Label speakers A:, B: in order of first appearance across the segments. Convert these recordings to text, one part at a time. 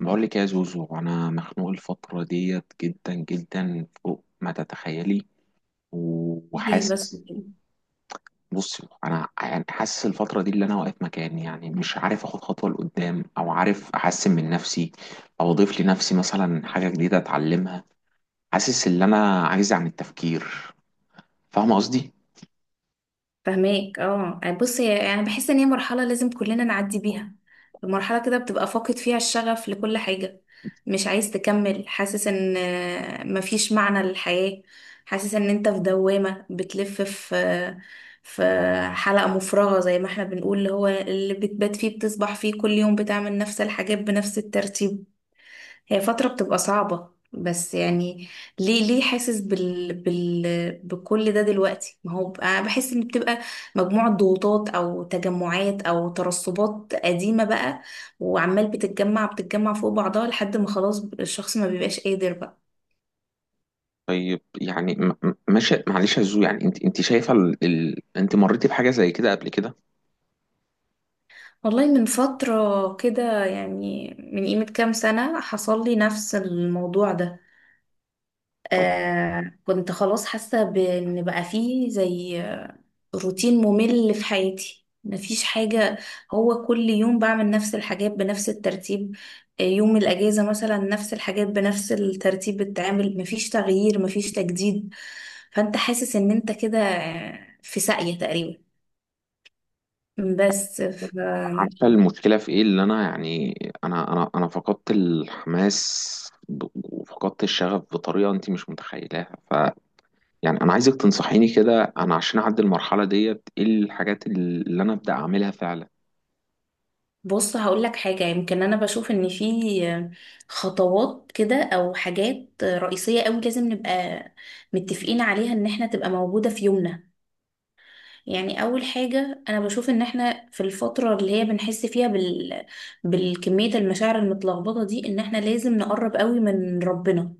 A: بقول لك يا زوزو، انا مخنوق الفتره ديت جدا جدا فوق ما تتخيلي.
B: دي بس
A: وحاسس.
B: كده.
A: بصي، انا يعني حاسس الفتره دي اللي انا واقف مكاني، يعني مش عارف اخد خطوه لقدام او عارف احسن من نفسي، او اضيف لنفسي مثلا حاجه جديده اتعلمها. حاسس ان انا عايز عن التفكير. فاهمه قصدي؟
B: فهماك، بص هي يعني بحس ان هي مرحلة لازم كلنا نعدي بيها. المرحلة كده بتبقى فاقد فيها الشغف لكل حاجة، مش عايز تكمل، حاسس ان مفيش معنى للحياة. حاسس ان انت في دوامة بتلف في حلقة مفرغة، زي ما احنا بنقول، اللي هو اللي بتبات فيه بتصبح فيه كل يوم بتعمل نفس الحاجات بنفس الترتيب. هي فترة بتبقى صعبة بس يعني ليه حاسس بكل ده دلوقتي؟ ما هو انا بحس ان بتبقى مجموعة ضغوطات او تجمعات او ترسبات قديمة بقى، وعمال بتتجمع بتتجمع فوق بعضها لحد ما خلاص الشخص ما بيبقاش قادر بقى.
A: طيب، يعني ماشي، معلش يا زوزو، يعني انت شايفه انت مريتي بحاجه زي كده قبل كده؟
B: والله من فترة كده، يعني من قيمة كام سنة حصل لي نفس الموضوع ده.
A: طب،
B: آه كنت خلاص حاسة بإن بقى فيه زي روتين ممل في حياتي، مفيش حاجة، هو كل يوم بعمل نفس الحاجات بنفس الترتيب. يوم الأجازة مثلا نفس الحاجات بنفس الترتيب بتتعمل، مفيش تغيير، مفيش تجديد. فأنت حاسس إن أنت كده في ساقية تقريبا، بس.
A: عارفة المشكلة في ايه؟ اللي انا يعني، انا فقدت الحماس، وفقدت الشغف بطريقة انت مش متخيلاها. يعني انا عايزك تنصحيني كده، انا عشان اعدي المرحلة ديت ايه الحاجات اللي انا ابدأ اعملها فعلا.
B: بص هقول لك حاجة، يمكن أنا بشوف إن في خطوات كده أو حاجات رئيسية أوي لازم نبقى متفقين عليها إن إحنا تبقى موجودة في يومنا. يعني أول حاجة أنا بشوف إن إحنا في الفترة اللي هي بنحس فيها بالكمية المشاعر المتلخبطة دي، إن إحنا لازم نقرب أوي من ربنا.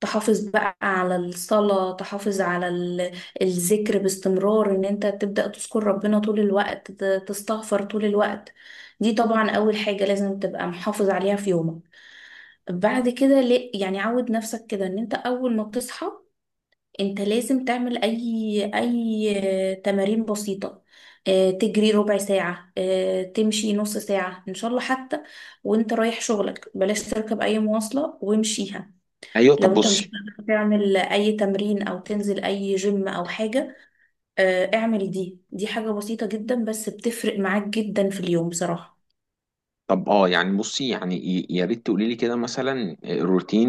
B: تحافظ بقى على الصلاة، تحافظ على الذكر باستمرار، ان انت تبدأ تذكر ربنا طول الوقت، تستغفر طول الوقت. دي طبعا اول حاجة لازم تبقى محافظ عليها في يومك. بعد كده يعني عود نفسك كده ان انت اول ما بتصحى انت لازم تعمل اي تمارين بسيطة. تجري ربع ساعة، تمشي نص ساعة إن شاء الله، حتى وانت رايح شغلك بلاش تركب أي مواصلة، وامشيها.
A: ايوه، طب
B: لو انت مش
A: بصي.
B: قادر تعمل اي تمرين او تنزل اي جيم او حاجة، اعمل دي حاجة بسيطة جدا بس بتفرق معاك جدا في اليوم بصراحة.
A: طب اه، يعني بصي، يعني يا ريت تقولي لي كده مثلا روتين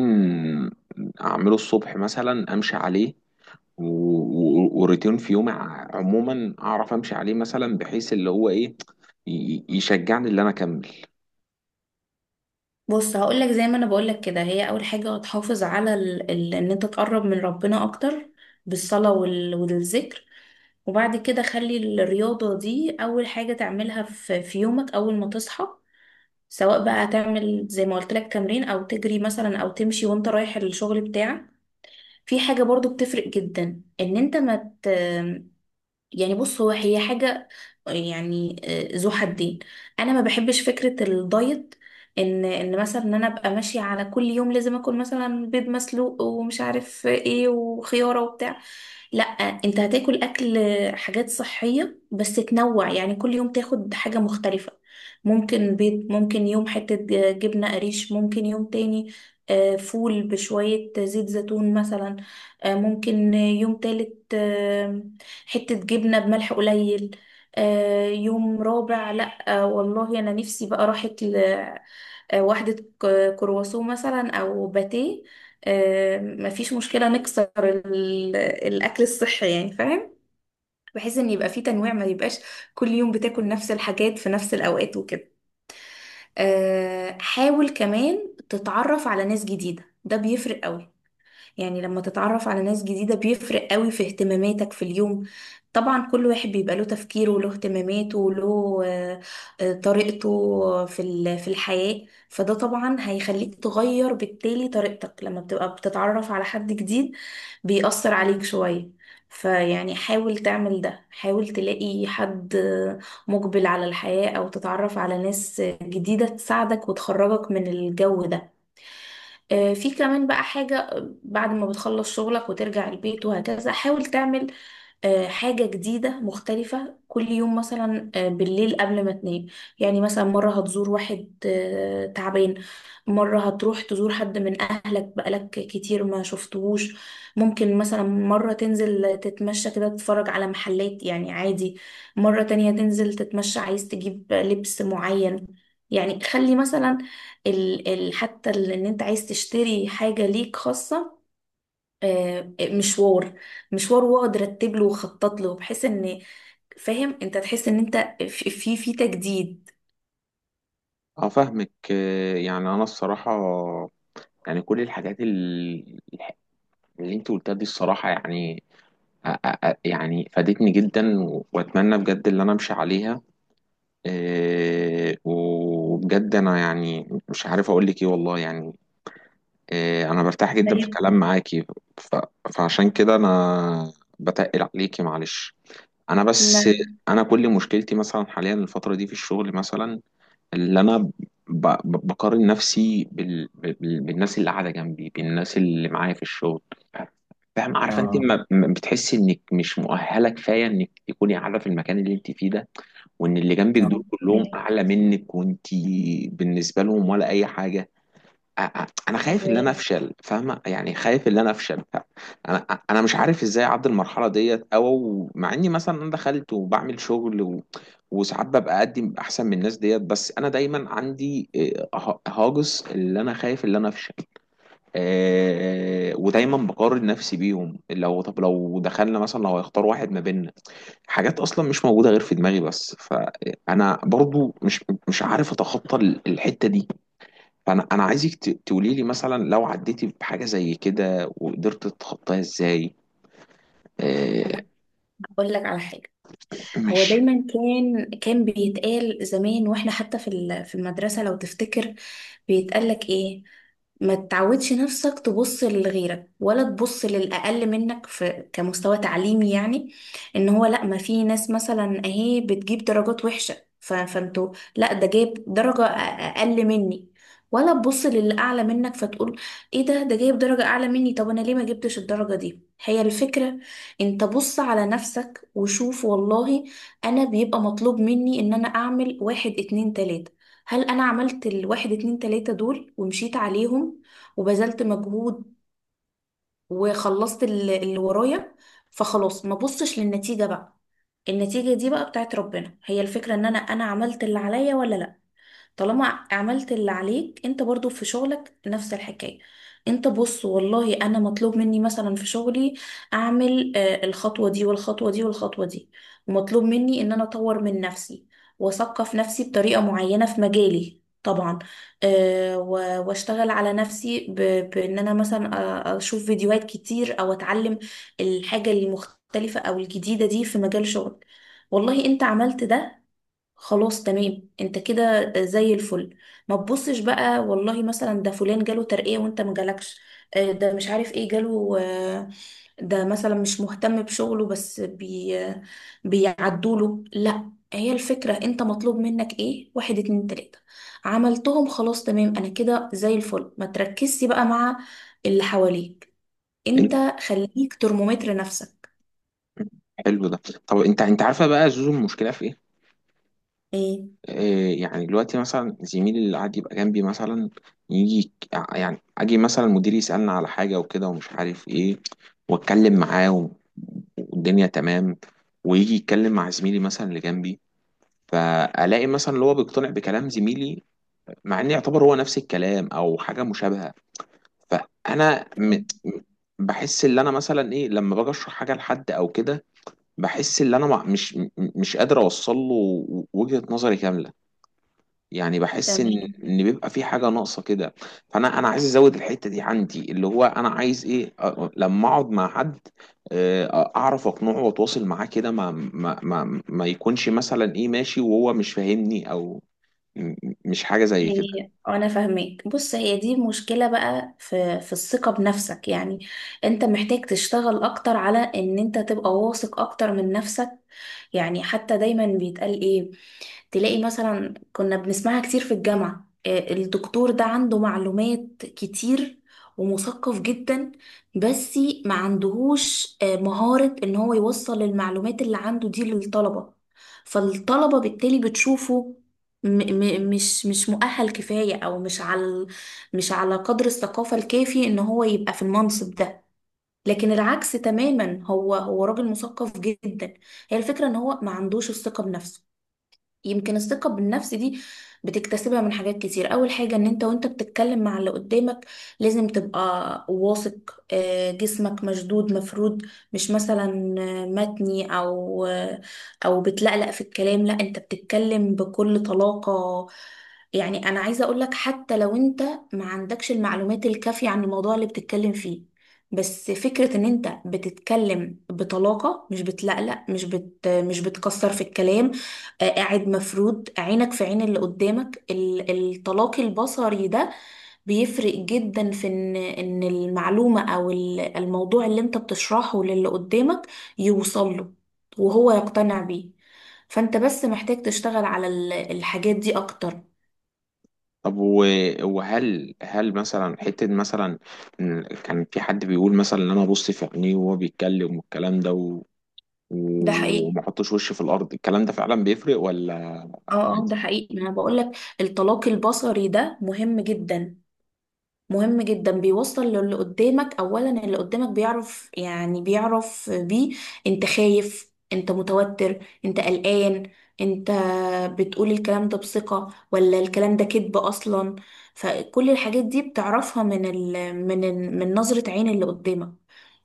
A: اعمله الصبح مثلا امشي عليه، وروتين في يومي عموما اعرف امشي عليه مثلا، بحيث اللي هو ايه يشجعني اللي انا اكمل.
B: بص هقولك، زي ما انا بقولك كده، هي اول حاجة هتحافظ على ان انت تقرب من ربنا اكتر بالصلاة والذكر. وبعد كده خلي الرياضة دي اول حاجة تعملها في يومك، اول ما تصحى، سواء بقى هتعمل زي ما قلت لك تمرين او تجري مثلا او تمشي وانت رايح الشغل بتاعك. في حاجة برضو بتفرق جدا ان انت ما مت... يعني بص هي حاجة يعني ذو حدين. انا ما بحبش فكرة الدايت، ان مثلا ان انا ابقى ماشية على كل يوم لازم اكل مثلا بيض مسلوق ومش عارف ايه وخيارة وبتاع. لا، انت هتاكل اكل حاجات صحية بس تنوع، يعني كل يوم تاخد حاجة مختلفة. ممكن بيض، ممكن يوم حتة جبنة قريش، ممكن يوم تاني فول بشوية زيت زيتون مثلا، ممكن يوم تالت حتة جبنة بملح قليل. يوم رابع، لأ، والله أنا نفسي بقى راحت لوحدة كرواسون مثلا أو باتيه. مفيش مشكلة نكسر الأكل الصحي، يعني فاهم، بحيث إن يبقى فيه تنويع، ما يبقاش كل يوم بتاكل نفس الحاجات في نفس الأوقات وكده. حاول كمان تتعرف على ناس جديدة، ده بيفرق قوي. يعني لما تتعرف على ناس جديدة بيفرق قوي في اهتماماتك في اليوم. طبعا كل واحد بيبقى له تفكيره وله اهتماماته وله طريقته في في الحياة، فده طبعا هيخليك تغير بالتالي طريقتك لما بتبقى بتتعرف على حد جديد، بيأثر عليك شوية. فيعني حاول تعمل ده، حاول تلاقي حد مقبل على الحياة، أو تتعرف على ناس جديدة تساعدك وتخرجك من الجو ده. في كمان بقى حاجة، بعد ما بتخلص شغلك وترجع البيت وهكذا حاول تعمل حاجة جديدة مختلفة كل يوم، مثلا بالليل قبل ما تنام. يعني مثلا مرة هتزور واحد تعبان، مرة هتروح تزور حد من أهلك بقالك كتير ما شفتهوش، ممكن مثلا مرة تنزل تتمشى كده تتفرج على محلات يعني عادي، مرة تانية تنزل تتمشى عايز تجيب لبس معين. يعني خلي مثلا ان انت عايز تشتري حاجة ليك خاصة، آه، مشوار مشوار واقعد رتب له وخطط له، بحيث ان فاهم انت تحس ان انت في تجديد.
A: اه، فاهمك. يعني انا الصراحه، يعني كل الحاجات اللي انت قلتها دي الصراحه، يعني يعني فادتني جدا، واتمنى بجد اللي انا امشي عليها. وبجد انا يعني مش عارف اقول لك ايه، والله يعني. انا برتاح جدا في
B: فاهم،
A: كلام معاكي. ف- فعشان كده انا بتقل عليكي، معلش. انا بس.
B: لا،
A: انا كل مشكلتي مثلا حاليا الفتره دي في الشغل مثلا، اللي انا بقارن نفسي بالناس اللي قاعده جنبي، بالناس اللي معايا في الشغل. فاهم؟ عارفه انت
B: لا،
A: ما بتحسي انك مش مؤهله كفايه انك تكوني قاعده في المكان اللي انت فيه ده، وان اللي جنبك
B: لا،
A: دول كلهم
B: فاهمك،
A: اعلى منك وانت بالنسبه لهم ولا اي حاجه؟ انا خايف ان انا افشل، فاهمه؟ يعني خايف ان انا افشل. انا مش عارف ازاي اعدي المرحله ديت، او مع اني مثلا انا دخلت وبعمل شغل وساعات ببقى اقدم احسن من الناس ديت، بس انا دايما عندي هاجس اللي انا خايف ان انا افشل. ودايما بقارن نفسي بيهم. لو، طب لو دخلنا مثلا لو هيختار واحد ما بيننا، حاجات اصلا مش موجوده غير في دماغي، بس فانا برضو مش عارف اتخطى الحته دي. فانا عايزك تقولي لي مثلا لو عديتي بحاجه زي كده وقدرت تتخطاها ازاي. آه،
B: فاهمك. بقول لك على حاجة، هو
A: ماشي.
B: دايما كان بيتقال زمان، واحنا حتى في المدرسة لو تفتكر، بيتقال لك ايه؟ ما تعودش نفسك تبص لغيرك ولا تبص للأقل منك في كمستوى تعليمي، يعني ان هو لا، ما في ناس مثلا اهي بتجيب درجات وحشة، فانتوا لا، ده جايب درجة أقل مني، ولا تبص للي أعلى منك فتقول ايه ده ده جايب درجة أعلى مني، طب أنا ليه ما جبتش الدرجة دي. هي الفكرة، انت بص على نفسك وشوف، والله انا بيبقى مطلوب مني ان انا اعمل واحد اتنين تلاتة، هل انا عملت الواحد اتنين تلاتة دول ومشيت عليهم وبذلت مجهود وخلصت اللي ورايا؟ فخلاص، ما بصش للنتيجة بقى، النتيجة دي بقى بتاعت ربنا. هي الفكرة ان انا عملت اللي عليا ولا لا. طالما عملت اللي عليك، انت برضو في شغلك نفس الحكاية، انت بص، والله انا مطلوب مني مثلا في شغلي اعمل الخطوة دي والخطوة دي والخطوة دي، ومطلوب مني ان انا اطور من نفسي واثقف نفسي بطريقة معينة في مجالي طبعا، واشتغل على نفسي بان انا مثلا اشوف فيديوهات كتير او اتعلم الحاجة المختلفة او الجديدة دي في مجال شغل. والله انت عملت ده، خلاص تمام، انت كده زي الفل. ما تبصش بقى، والله مثلا ده فلان جاله ترقية وانت ما جالكش، ده مش عارف ايه جاله، ده مثلا مش مهتم بشغله بس بيعدوله، لا، هي الفكرة، انت مطلوب منك ايه؟ واحد اتنين تلاتة، عملتهم خلاص تمام، انا كده زي الفل، ما تركزش بقى مع اللي حواليك، انت
A: إن-
B: خليك ترمومتر نفسك.
A: حلو ده. طب انت عارفه بقى زوزو المشكله في ايه؟
B: ايه،
A: يعني دلوقتي مثلا زميلي اللي قاعد يبقى جنبي مثلا، يجي يك- يعني اجي مثلا مديري يسالنا على حاجه وكده ومش عارف ايه، واتكلم معاه والدنيا تمام، ويجي يتكلم مع زميلي مثلا اللي جنبي، فالاقي مثلا اللي هو بيقتنع بكلام زميلي، مع ان يعتبر هو نفس الكلام او حاجه مشابهه. فانا
B: تمام،
A: م- بحس ان انا مثلا ايه لما باجي اشرح حاجه لحد او كده، بحس ان انا مش قادر اوصل له وجهه نظري كامله. يعني بحس ان
B: تمام.
A: ان بيبقى في حاجه ناقصه كده. فانا عايز ازود الحته دي عندي، اللي هو انا عايز ايه لما اقعد مع حد، اعرف اقنعه واتواصل معاه كده، ما يكونش مثلا ايه ماشي وهو مش فاهمني، او م- مش حاجه زي كده.
B: هي انا فاهمك، بص هي دي مشكلة بقى في الثقة بنفسك، يعني انت محتاج تشتغل اكتر على ان انت تبقى واثق اكتر من نفسك. يعني حتى دايما بيتقال ايه؟ تلاقي مثلا كنا بنسمعها كتير في الجامعة، الدكتور ده عنده معلومات كتير ومثقف جدا، بس ما عندهوش مهارة ان هو يوصل المعلومات اللي عنده دي للطلبة، فالطلبة بالتالي بتشوفه م م مش مؤهل كفاية او مش على قدر الثقافة الكافي ان هو يبقى في المنصب ده. لكن العكس تماما، هو راجل مثقف جدا، هي الفكرة ان هو ما عندوش الثقة بنفسه. يمكن الثقة بالنفس دي بتكتسبها من حاجات كتير، أول حاجة إن أنت وأنت بتتكلم مع اللي قدامك لازم تبقى واثق، جسمك مشدود مفرود، مش مثلا متني أو أو بتلقلق في الكلام، لا أنت بتتكلم بكل طلاقة. يعني أنا عايزة أقولك حتى لو أنت ما عندكش المعلومات الكافية عن الموضوع اللي بتتكلم فيه، بس فكرة ان انت بتتكلم بطلاقة، مش بتلقلق، مش بتكسر في الكلام، قاعد، مفروض عينك في عين اللي قدامك، الطلاق البصري ده بيفرق جدا في ان المعلومة او الموضوع اللي انت بتشرحه للي قدامك يوصل له وهو يقتنع بيه. فانت بس محتاج تشتغل على الحاجات دي اكتر.
A: طب وهل هل مثلا حتة مثلا إن كان في حد بيقول مثلا ان انا ابص في عينيه وهو بيتكلم والكلام ده
B: ده حقيقي.
A: وما احطش وشي في الارض، الكلام ده فعلا بيفرق ولا
B: اه، اه، ده
A: عادي؟
B: حقيقي، ما انا بقولك، الطلاق البصري ده مهم جدا، مهم جدا، بيوصل للي قدامك اولا، اللي قدامك بيعرف يعني بيعرف بيه انت خايف، انت متوتر، انت قلقان، انت بتقول الكلام ده بثقة ولا الكلام ده كذب اصلا. فكل الحاجات دي بتعرفها من نظرة عين اللي قدامك.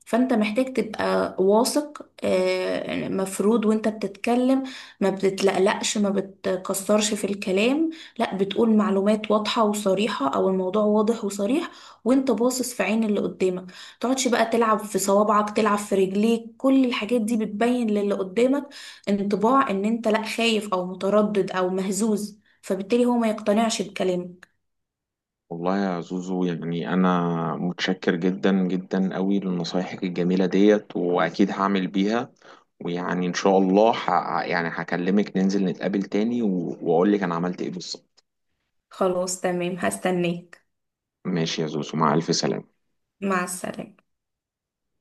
B: فانت محتاج تبقى واثق، مفروض وانت بتتكلم ما بتتلقلقش، ما بتكسرش في الكلام، لا، بتقول معلومات واضحة وصريحة او الموضوع واضح وصريح، وانت باصص في عين اللي قدامك. تقعدش بقى تلعب في صوابعك، تلعب في رجليك، كل الحاجات دي بتبين للي قدامك انطباع ان انت لا خايف او متردد او مهزوز، فبالتالي هو ما يقتنعش بكلامك.
A: والله يا زوزو، يعني انا متشكر جدا جدا قوي لنصايحك الجميلة ديت، واكيد هعمل بيها. ويعني ان شاء الله يعني هكلمك ننزل نتقابل تاني واقول لك انا عملت ايه بالظبط.
B: خلاص تمام، هستناك.
A: ماشي يا زوزو، مع الف سلامة.
B: مع السلامة.